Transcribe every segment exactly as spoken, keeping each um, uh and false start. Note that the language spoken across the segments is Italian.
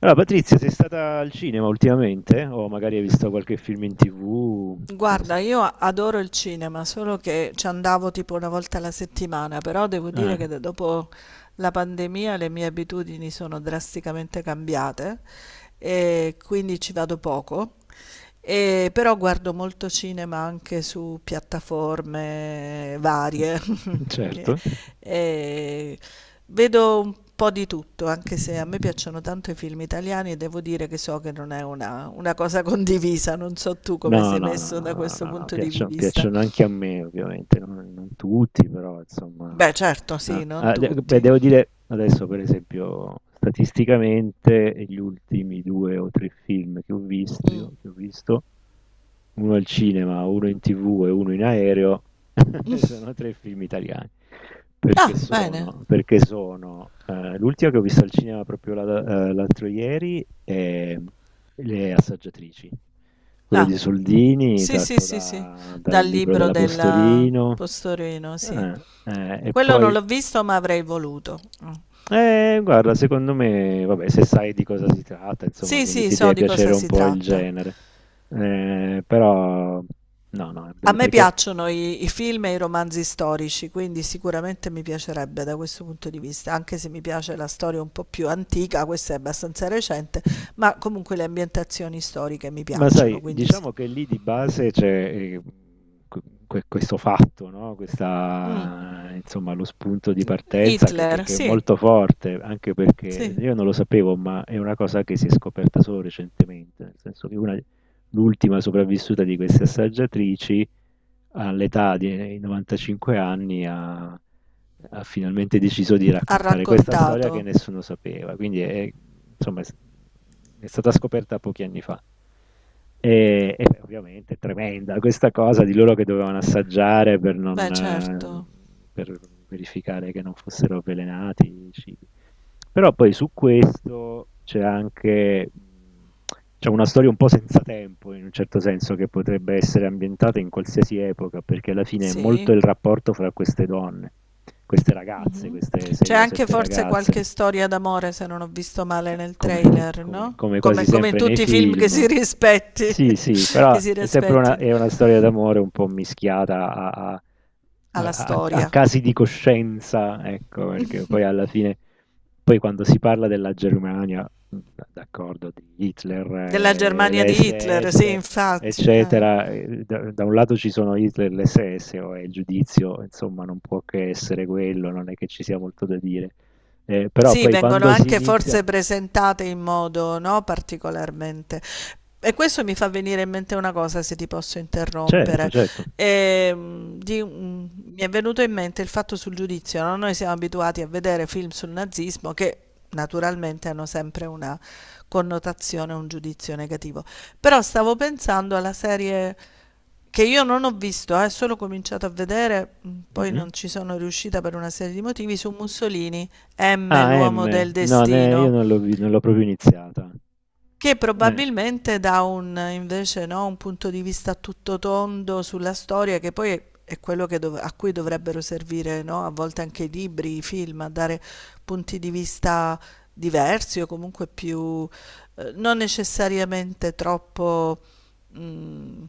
Allora, Patrizia, sei stata al cinema ultimamente? O magari hai visto qualche film in tivù? Non so. Guarda, io adoro il cinema, solo che ci andavo tipo una volta alla settimana, però devo dire che Eh, da- dopo la pandemia le mie abitudini sono drasticamente cambiate e quindi ci vado poco. E però guardo molto cinema anche su piattaforme varie, che- certo. e vedo un po' di tutto, anche se a me piacciono tanto i film italiani e devo dire che so che non è una, una cosa condivisa, non so tu come No, sei no, no, messo no, da no, questo no, no, punto di piacciono, vista. piacciono anche a me, ovviamente, non, non tutti, però insomma. Beh, certo, sì, Ah, non ah, de- beh, tutti. devo dire adesso, per esempio, statisticamente, gli ultimi due o tre film che ho Mm. visto, che ho visto, uno al cinema, uno in tivù e uno in aereo, sono tre film italiani. Perché Ah, bene. sono perché sono, ehm, l'ultima che ho visto al cinema proprio la ehm, l'altro ieri è Le assaggiatrici. Quello Ah, di Soldini sì, sì, tratto sì, sì, da dal dal libro libro della del Postorino, Postorino, sì. eh, eh, e Quello non poi l'ho visto, ma avrei voluto. Mm. eh, guarda secondo me vabbè se sai di cosa si tratta insomma, Sì, quindi sì, ti so deve di piacere cosa un si po' il tratta. genere. Ehm, però no, no, è A bello me perché. piacciono i, i film e i romanzi storici, quindi sicuramente mi piacerebbe da questo punto di vista, anche se mi piace la storia un po' più antica, questa è abbastanza recente, ma comunque le ambientazioni storiche mi Ma sai, piacciono, quindi sì. diciamo che lì di base c'è eh, que- que- questo fatto, no? Mm. Questa, insomma, lo spunto di partenza che, che- Hitler, che è sì, molto forte, anche perché sì, io non lo sapevo, ma è una cosa che si è scoperta solo recentemente, nel senso che una, l'ultima sopravvissuta di queste assaggiatrici all'età di novantacinque anni ha, ha finalmente deciso di ha raccontare questa storia che raccontato. nessuno sapeva, quindi è, insomma, è s- è stata scoperta pochi anni fa. E, e beh, ovviamente è tremenda questa cosa di loro che dovevano assaggiare per, non, Beh, certo, eh, per verificare che non fossero avvelenati i cibi. Però poi su questo c'è anche mhmm, c'è una storia un po' senza tempo, in un certo senso, che potrebbe essere ambientata in qualsiasi epoca, perché alla fine è molto sì. il rapporto fra queste donne, queste ragazze, Mh-mh. queste C'è sei o anche sette forse ragazze. qualche storia d'amore, se non ho visto male nel Come, trailer, come- no, come quasi come come in sempre nei tutti i film che film. si rispetti Sì, sì, che però si è sempre una, rispettino. è una storia d'amore un po' mischiata a, a- Ha a- la a- a storia casi di coscienza, ecco, perché poi alla fine, poi quando si parla della Germania, mh, d'accordo, di Hitler, della eh, le Germania di Hitler, sì esse esse, infatti, eh. eccetera, eh, da, da un lato ci sono Hitler, e le esse esse, o è il giudizio, insomma, non può che essere quello, non è che ci sia molto da dire. Eh, però Sì, poi vengono quando si anche inizia. forse presentate in modo, no, particolarmente. E questo mi fa venire in mente una cosa, se ti posso Certo, interrompere. certo. Ehm, di un- Mi è venuto in mente il fatto sul giudizio, no? Noi siamo abituati a vedere film sul nazismo che naturalmente hanno sempre una connotazione, un giudizio negativo. Però stavo pensando alla serie che io non ho visto, eh, solo cominciato a vedere, mh, poi Mh-mh. non ci sono riuscita per una serie di motivi, su Mussolini, emme, Ah, l'uomo del M. No, ne io destino, non l'ho vi non l'ho proprio iniziata. che Eh. probabilmente dà un, invece, no, un punto di vista tutto tondo sulla storia, che poi è, è quello che dov- a cui dovrebbero servire, no, a volte anche i libri, i film, a dare punti di vista diversi o comunque più, eh, non necessariamente troppo Mhmm,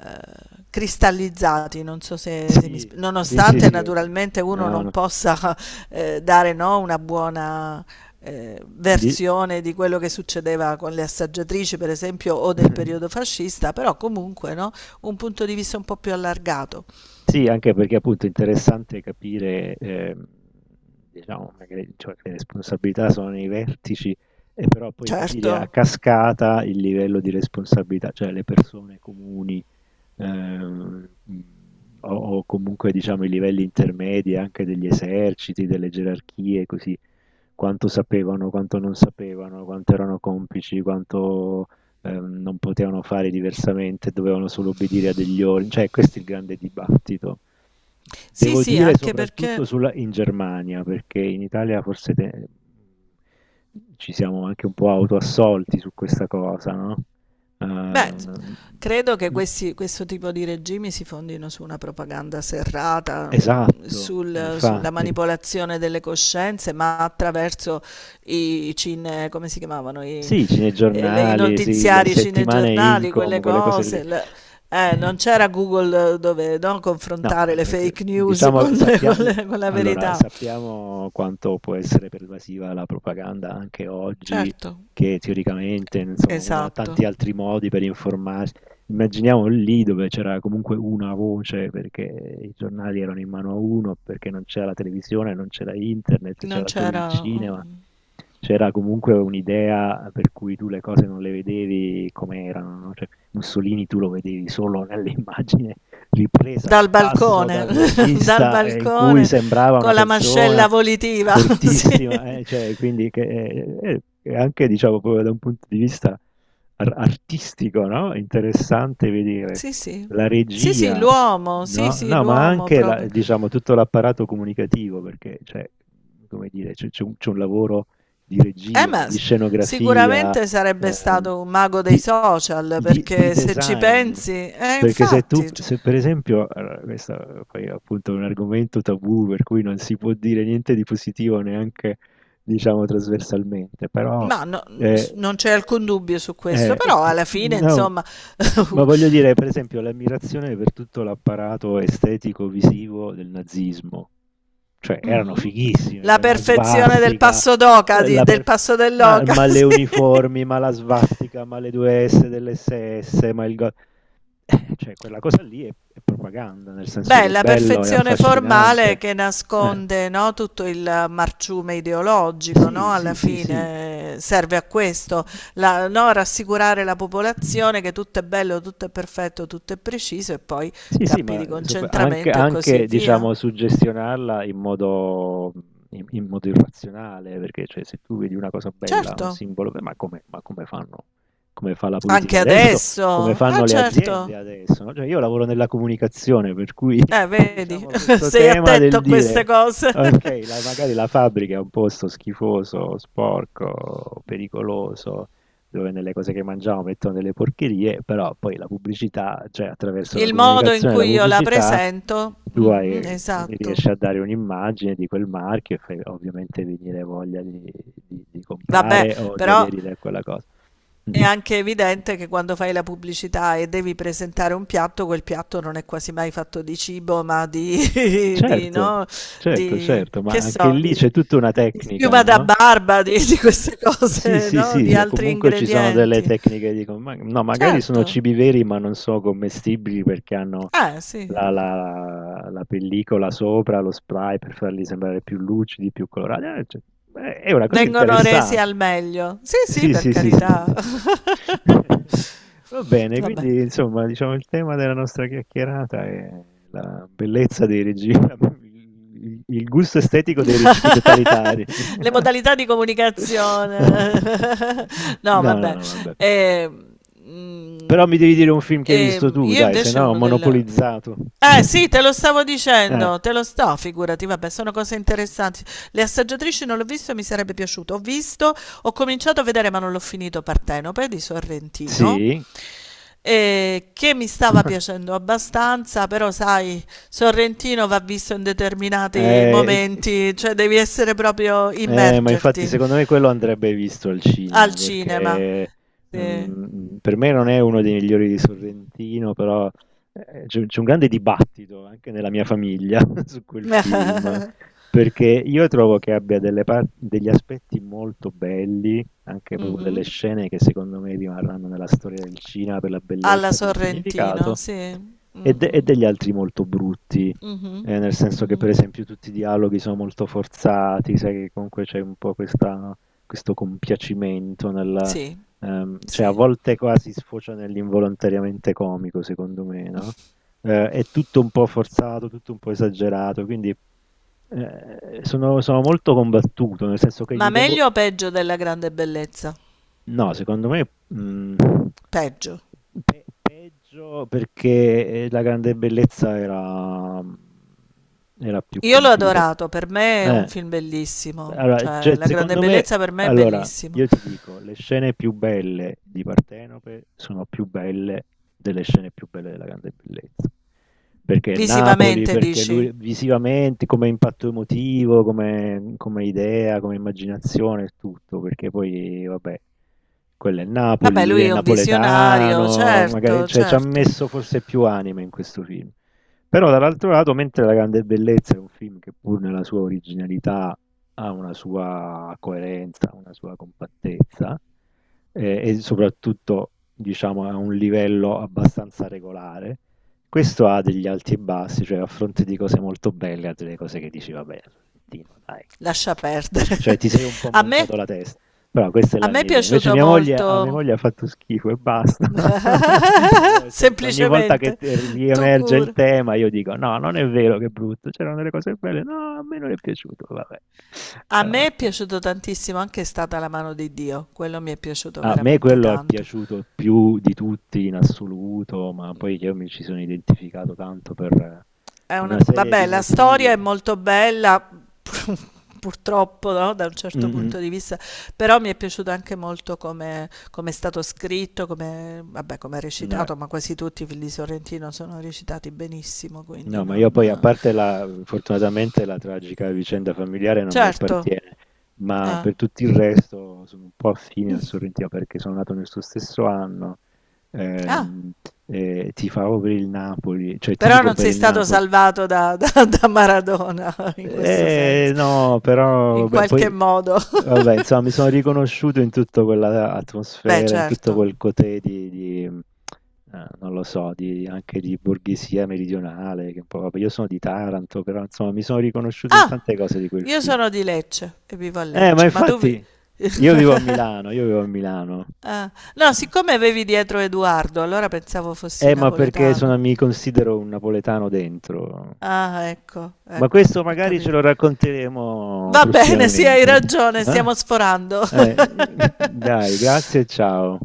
ehm, cristallizzati, non so se se mi Sì, sp sì, sì, nonostante sì, ho ca naturalmente uno no, non no. possa, ehm, dare, no, una buona, ehm, Di versione di quello che succedeva con le assaggiatrici, per esempio, o del periodo fascista, però comunque, no, un punto di vista un po' più allargato. Sì, anche perché appunto è interessante capire, ehm, diciamo magari cioè che le responsabilità sono nei vertici, e però poi capire a Certo. cascata il livello di responsabilità, cioè le persone comuni ehm, o, o comunque diciamo i livelli intermedi anche degli eserciti, delle gerarchie, così quanto sapevano, quanto non sapevano, quanto erano complici, quanto ehm, non potevano fare diversamente, dovevano solo obbedire a degli ordini, cioè questo è il grande dibattito. Sì, Devo sì, dire anche soprattutto perché sulla- in Germania, perché in Italia forse te- ci siamo anche un po' autoassolti su questa cosa, no? beh, s- Ehm, credo che mm. questi- questo tipo di regimi si fondino su una propaganda serrata, mh, Esatto, sul- sulla infatti. manipolazione delle coscienze, ma attraverso i cine, come si chiamavano, i, Sì, i eh, le- i cinegiornali, sì, le notiziari, i settimane cinegiornali, Incom, quelle quelle cose lì. cose. Le- eh, non Eh, c'era Google dove no, No, ma confrontare le neanche fake news diciamo con, sappia con le- con la allora, verità. sappiamo quanto può essere pervasiva la propaganda anche oggi, Certo, che teoricamente, insomma, uno ha tanti esatto. altri modi per informarsi. Immaginiamo lì dove c'era comunque una voce, perché i giornali erano in mano a uno, perché non c'era la televisione, non c'era internet, Non c'era solo il c'era. cinema. mm, C'era comunque un'idea per cui tu le cose non le vedevi come erano, no? Cioè, Mussolini tu lo vedevi solo nell'immagine ripresa Dal dal basso, dal balcone, dal regista, eh, in cui balcone sembrava una con la persona mascella volitiva. fortissima, Sì, eh, cioè, quindi che, eh, eh, anche diciamo proprio da un punto di vista ar- artistico, no? Interessante vedere sì, sì. la Sì, sì, regia, l'uomo, sì, no? sì, No, ma l'uomo anche la- proprio. diciamo tutto l'apparato comunicativo, perché cioè, come dire, c'è c'è un c'è un lavoro di Eh, regia, ma di s- scenografia, Sicuramente sarebbe ehm, stato un mago dei di, social, di- di perché se ci design. pensi, eh, Perché se tu, infatti, c- se per esempio, allora, questo poi è appunto un argomento tabù per cui non si può dire niente di positivo neanche, diciamo, trasversalmente, però ma no- s- eh, non c'è alcun dubbio su questo, eh, però p- alla fine, no, insomma, ma voglio dire, per esempio, l'ammirazione per tutto l'apparato estetico-visivo del nazismo, cioè erano mhm, fighissime, la quella perfezione del svastica, passo d'oca, eh, di- la del per- passo ma, dell'oca, ma le sì. uniformi, ma la svastica, ma le due S dell'esse esse, ma il... go- eh, cioè quella cosa lì è è propaganda, nel senso Beh, che è la bello, è perfezione formale affascinante. che Eh. nasconde, no, tutto il marciume ideologico, Sì, no, sì, alla sì, sì. fine eh, serve a questo, la- no, rassicurare la popolazione che tutto è bello, tutto è perfetto, tutto è preciso e poi Sì, sì, campi ma, di ehm, sop anche concentramento e così anche via. diciamo suggestionarla in modo in in modo irrazionale, perché cioè se tu vedi una cosa bella, un Certo, simbolo be ma come ma come fanno come fa la politica anche adesso, adesso. come Ah, fanno le aziende certo. adesso, no, cioè io lavoro nella comunicazione, per cui Eh, vedi, diciamo questo sei tema attento del a queste dire: cose. "Okay, la magari la fabbrica è un posto schifoso, sporco, pericoloso, dove nelle cose che mangiamo mettono delle porcherie, però poi la pubblicità, cioè attraverso la Il modo in comunicazione e la cui io la pubblicità, presento, tu mhm, hai- esatto. riesci a dare un'immagine di quel marchio e fai ovviamente venire voglia di, di- di Vabbè, comprare o di però aderire a quella cosa. è anche evidente che quando fai la pubblicità e devi presentare un piatto, quel piatto non è quasi mai fatto di cibo, ma di, di, Certo, no, certo, di certo, ma che anche so, lì c'è di, tutta una di tecnica, schiuma da no? barba, di, di queste Sì, cose, sì, no? sì, Di sì, o altri comunque ci sono delle ingredienti. tecniche di... com- ma- no, magari sono Certo, cibi veri, ma non sono commestibili perché hanno eh sì, la, la- la pellicola sopra, lo spray per farli sembrare più lucidi, più colorati. Eh, cioè, eh, è una cosa vengono resi interessante. al meglio. Sì, sì, Sì, per sì, sì, sì, sì, sì. carità. Sì. Va bene, Vabbè. quindi insomma, diciamo il tema della nostra chiacchierata è la bellezza dei regimi, il il gusto estetico dei regimi totalitari. Le modalità di comunicazione. No, No, no, vabbè. no, vabbè. Ehm, Però mhmm, mi devi dire un film che hai visto ehm, tu, io dai, se invece no ho uno del monopolizzato. eh sì, te lo stavo Eh, dicendo, te lo sto, figurati, vabbè, sono cose interessanti. Le assaggiatrici non l'ho visto, mi sarebbe piaciuto. Ho visto, ho cominciato a vedere, ma non l'ho finito, Partenope di Sorrentino, sì. eh, che mi stava piacendo abbastanza, però sai, Sorrentino va visto in determinati Eh, momenti, cioè devi essere proprio Eh, ma infatti immergerti secondo me quello andrebbe visto al cinema al cinema. perché Sì. ehm, per me non è uno dei migliori di Sorrentino, però eh, c'è, c'è un grande dibattito anche nella mia famiglia su quel film, perché io trovo che abbia delle par- degli aspetti molto belli, anche proprio delle Mhm. scene che secondo me rimarranno nella storia del cinema per la Alla bellezza, per il Sorrentino, significato, sì. Mm, e, de- e mm. degli altri molto brutti Mhm, eh, nel senso che per mhm. esempio tutti i dialoghi sono molto forzati, sai che comunque c'è un po' questa- questo compiacimento nel, Sì. ehm, cioè a Sì. volte quasi sfocia nell'involontariamente comico, secondo me, no? Eh, è tutto un po' forzato, tutto un po' esagerato, quindi eh, sono, sono molto combattuto, nel senso che Ma gli do. meglio o peggio della grande bellezza? No, secondo me mh, Peggio. pe- peggio perché eh, La Grande Bellezza era, era più Io l'ho compiuto. adorato, per me è un Eh, film bellissimo, Allora, cioè cioè, La grande secondo me, bellezza per me è allora, bellissimo. io ti dico, le scene più belle di Partenope sono più belle delle scene più belle della Grande Bellezza. Perché Napoli, Visivamente perché dici? lui visivamente, come impatto emotivo, come, come idea, come immaginazione, tutto, perché poi, vabbè. Quello è il Napoli, Vabbè, lui lui è è un visionario, napoletano, magari, certo, cioè ci ha certo. messo forse più anima in questo film. Però dall'altro lato, mentre La Grande Bellezza è un film che pur nella sua originalità ha una sua coerenza, una sua compattezza eh, e soprattutto diciamo a un livello abbastanza regolare, questo ha degli alti e bassi, cioè a fronte di cose molto belle ha delle cose che dici vabbè, Sorrentino, dai. Lascia perdere. Cioè ti sei un po' A me, montato la testa però questa è a la me è mia idea. Invece piaciuto mia moglie a mia molto, moglie ha fatto schifo e basta. Io cerco ogni volta che semplicemente, t tu riemerge il cura. tema, io dico: "No, non è vero che è brutto, c'erano delle cose belle". "No, a me non è piaciuto". Vabbè. A E me vabbè, è eh. piaciuto tantissimo anche È stata la mano di Dio, quello mi è piaciuto A me veramente quello è tanto. piaciuto più di tutti in assoluto, ma poi io mi ci sono identificato tanto per eh, È una una serie vabbè, di la storia motivi. è molto bella, purtroppo, no, da un certo Mh-mh. punto di vista, però mi è piaciuto anche molto come come è stato scritto, come vabbè, come è No, recitato, ma quasi tutti i film di Sorrentino sono recitati benissimo, quindi no, ma io poi a non eh. parte la fortunatamente la tragica vicenda familiare non mi Certo, appartiene, ma eh. per tutto il resto sono un po' affine al Sorrentino perché sono nato nel suo stesso anno, Ah, ehm, e tifavo per il Napoli, cioè però tifo non per sei il stato Napoli salvato da da da Maradona in questo eh, senso, no, però in beh, qualche poi, modo. vabbè, insomma, mi sono riconosciuto in tutta quella Beh, atmosfera, in tutto certo. quel cotè di, di, eh, non lo so, di, anche di borghesia meridionale, che un po', vabbè, io sono di Taranto, però insomma, mi sono riconosciuto in Ah, tante cose di quel io film. sono di Lecce e vivo a Eh, ma Lecce, ma tu vi infatti, io vivo a Milano, io vivo a Milano. ah, no, siccome avevi dietro Edoardo, allora pensavo fossi Eh, ma perché napoletano. sono- mi considero un napoletano dentro. Ah, ecco, Ma ecco, questo ho magari ce capito. lo racconteremo Va bene, sì, hai prossimamente. ragione, Eh? stiamo sforando. Eh, dai, grazie e ciao.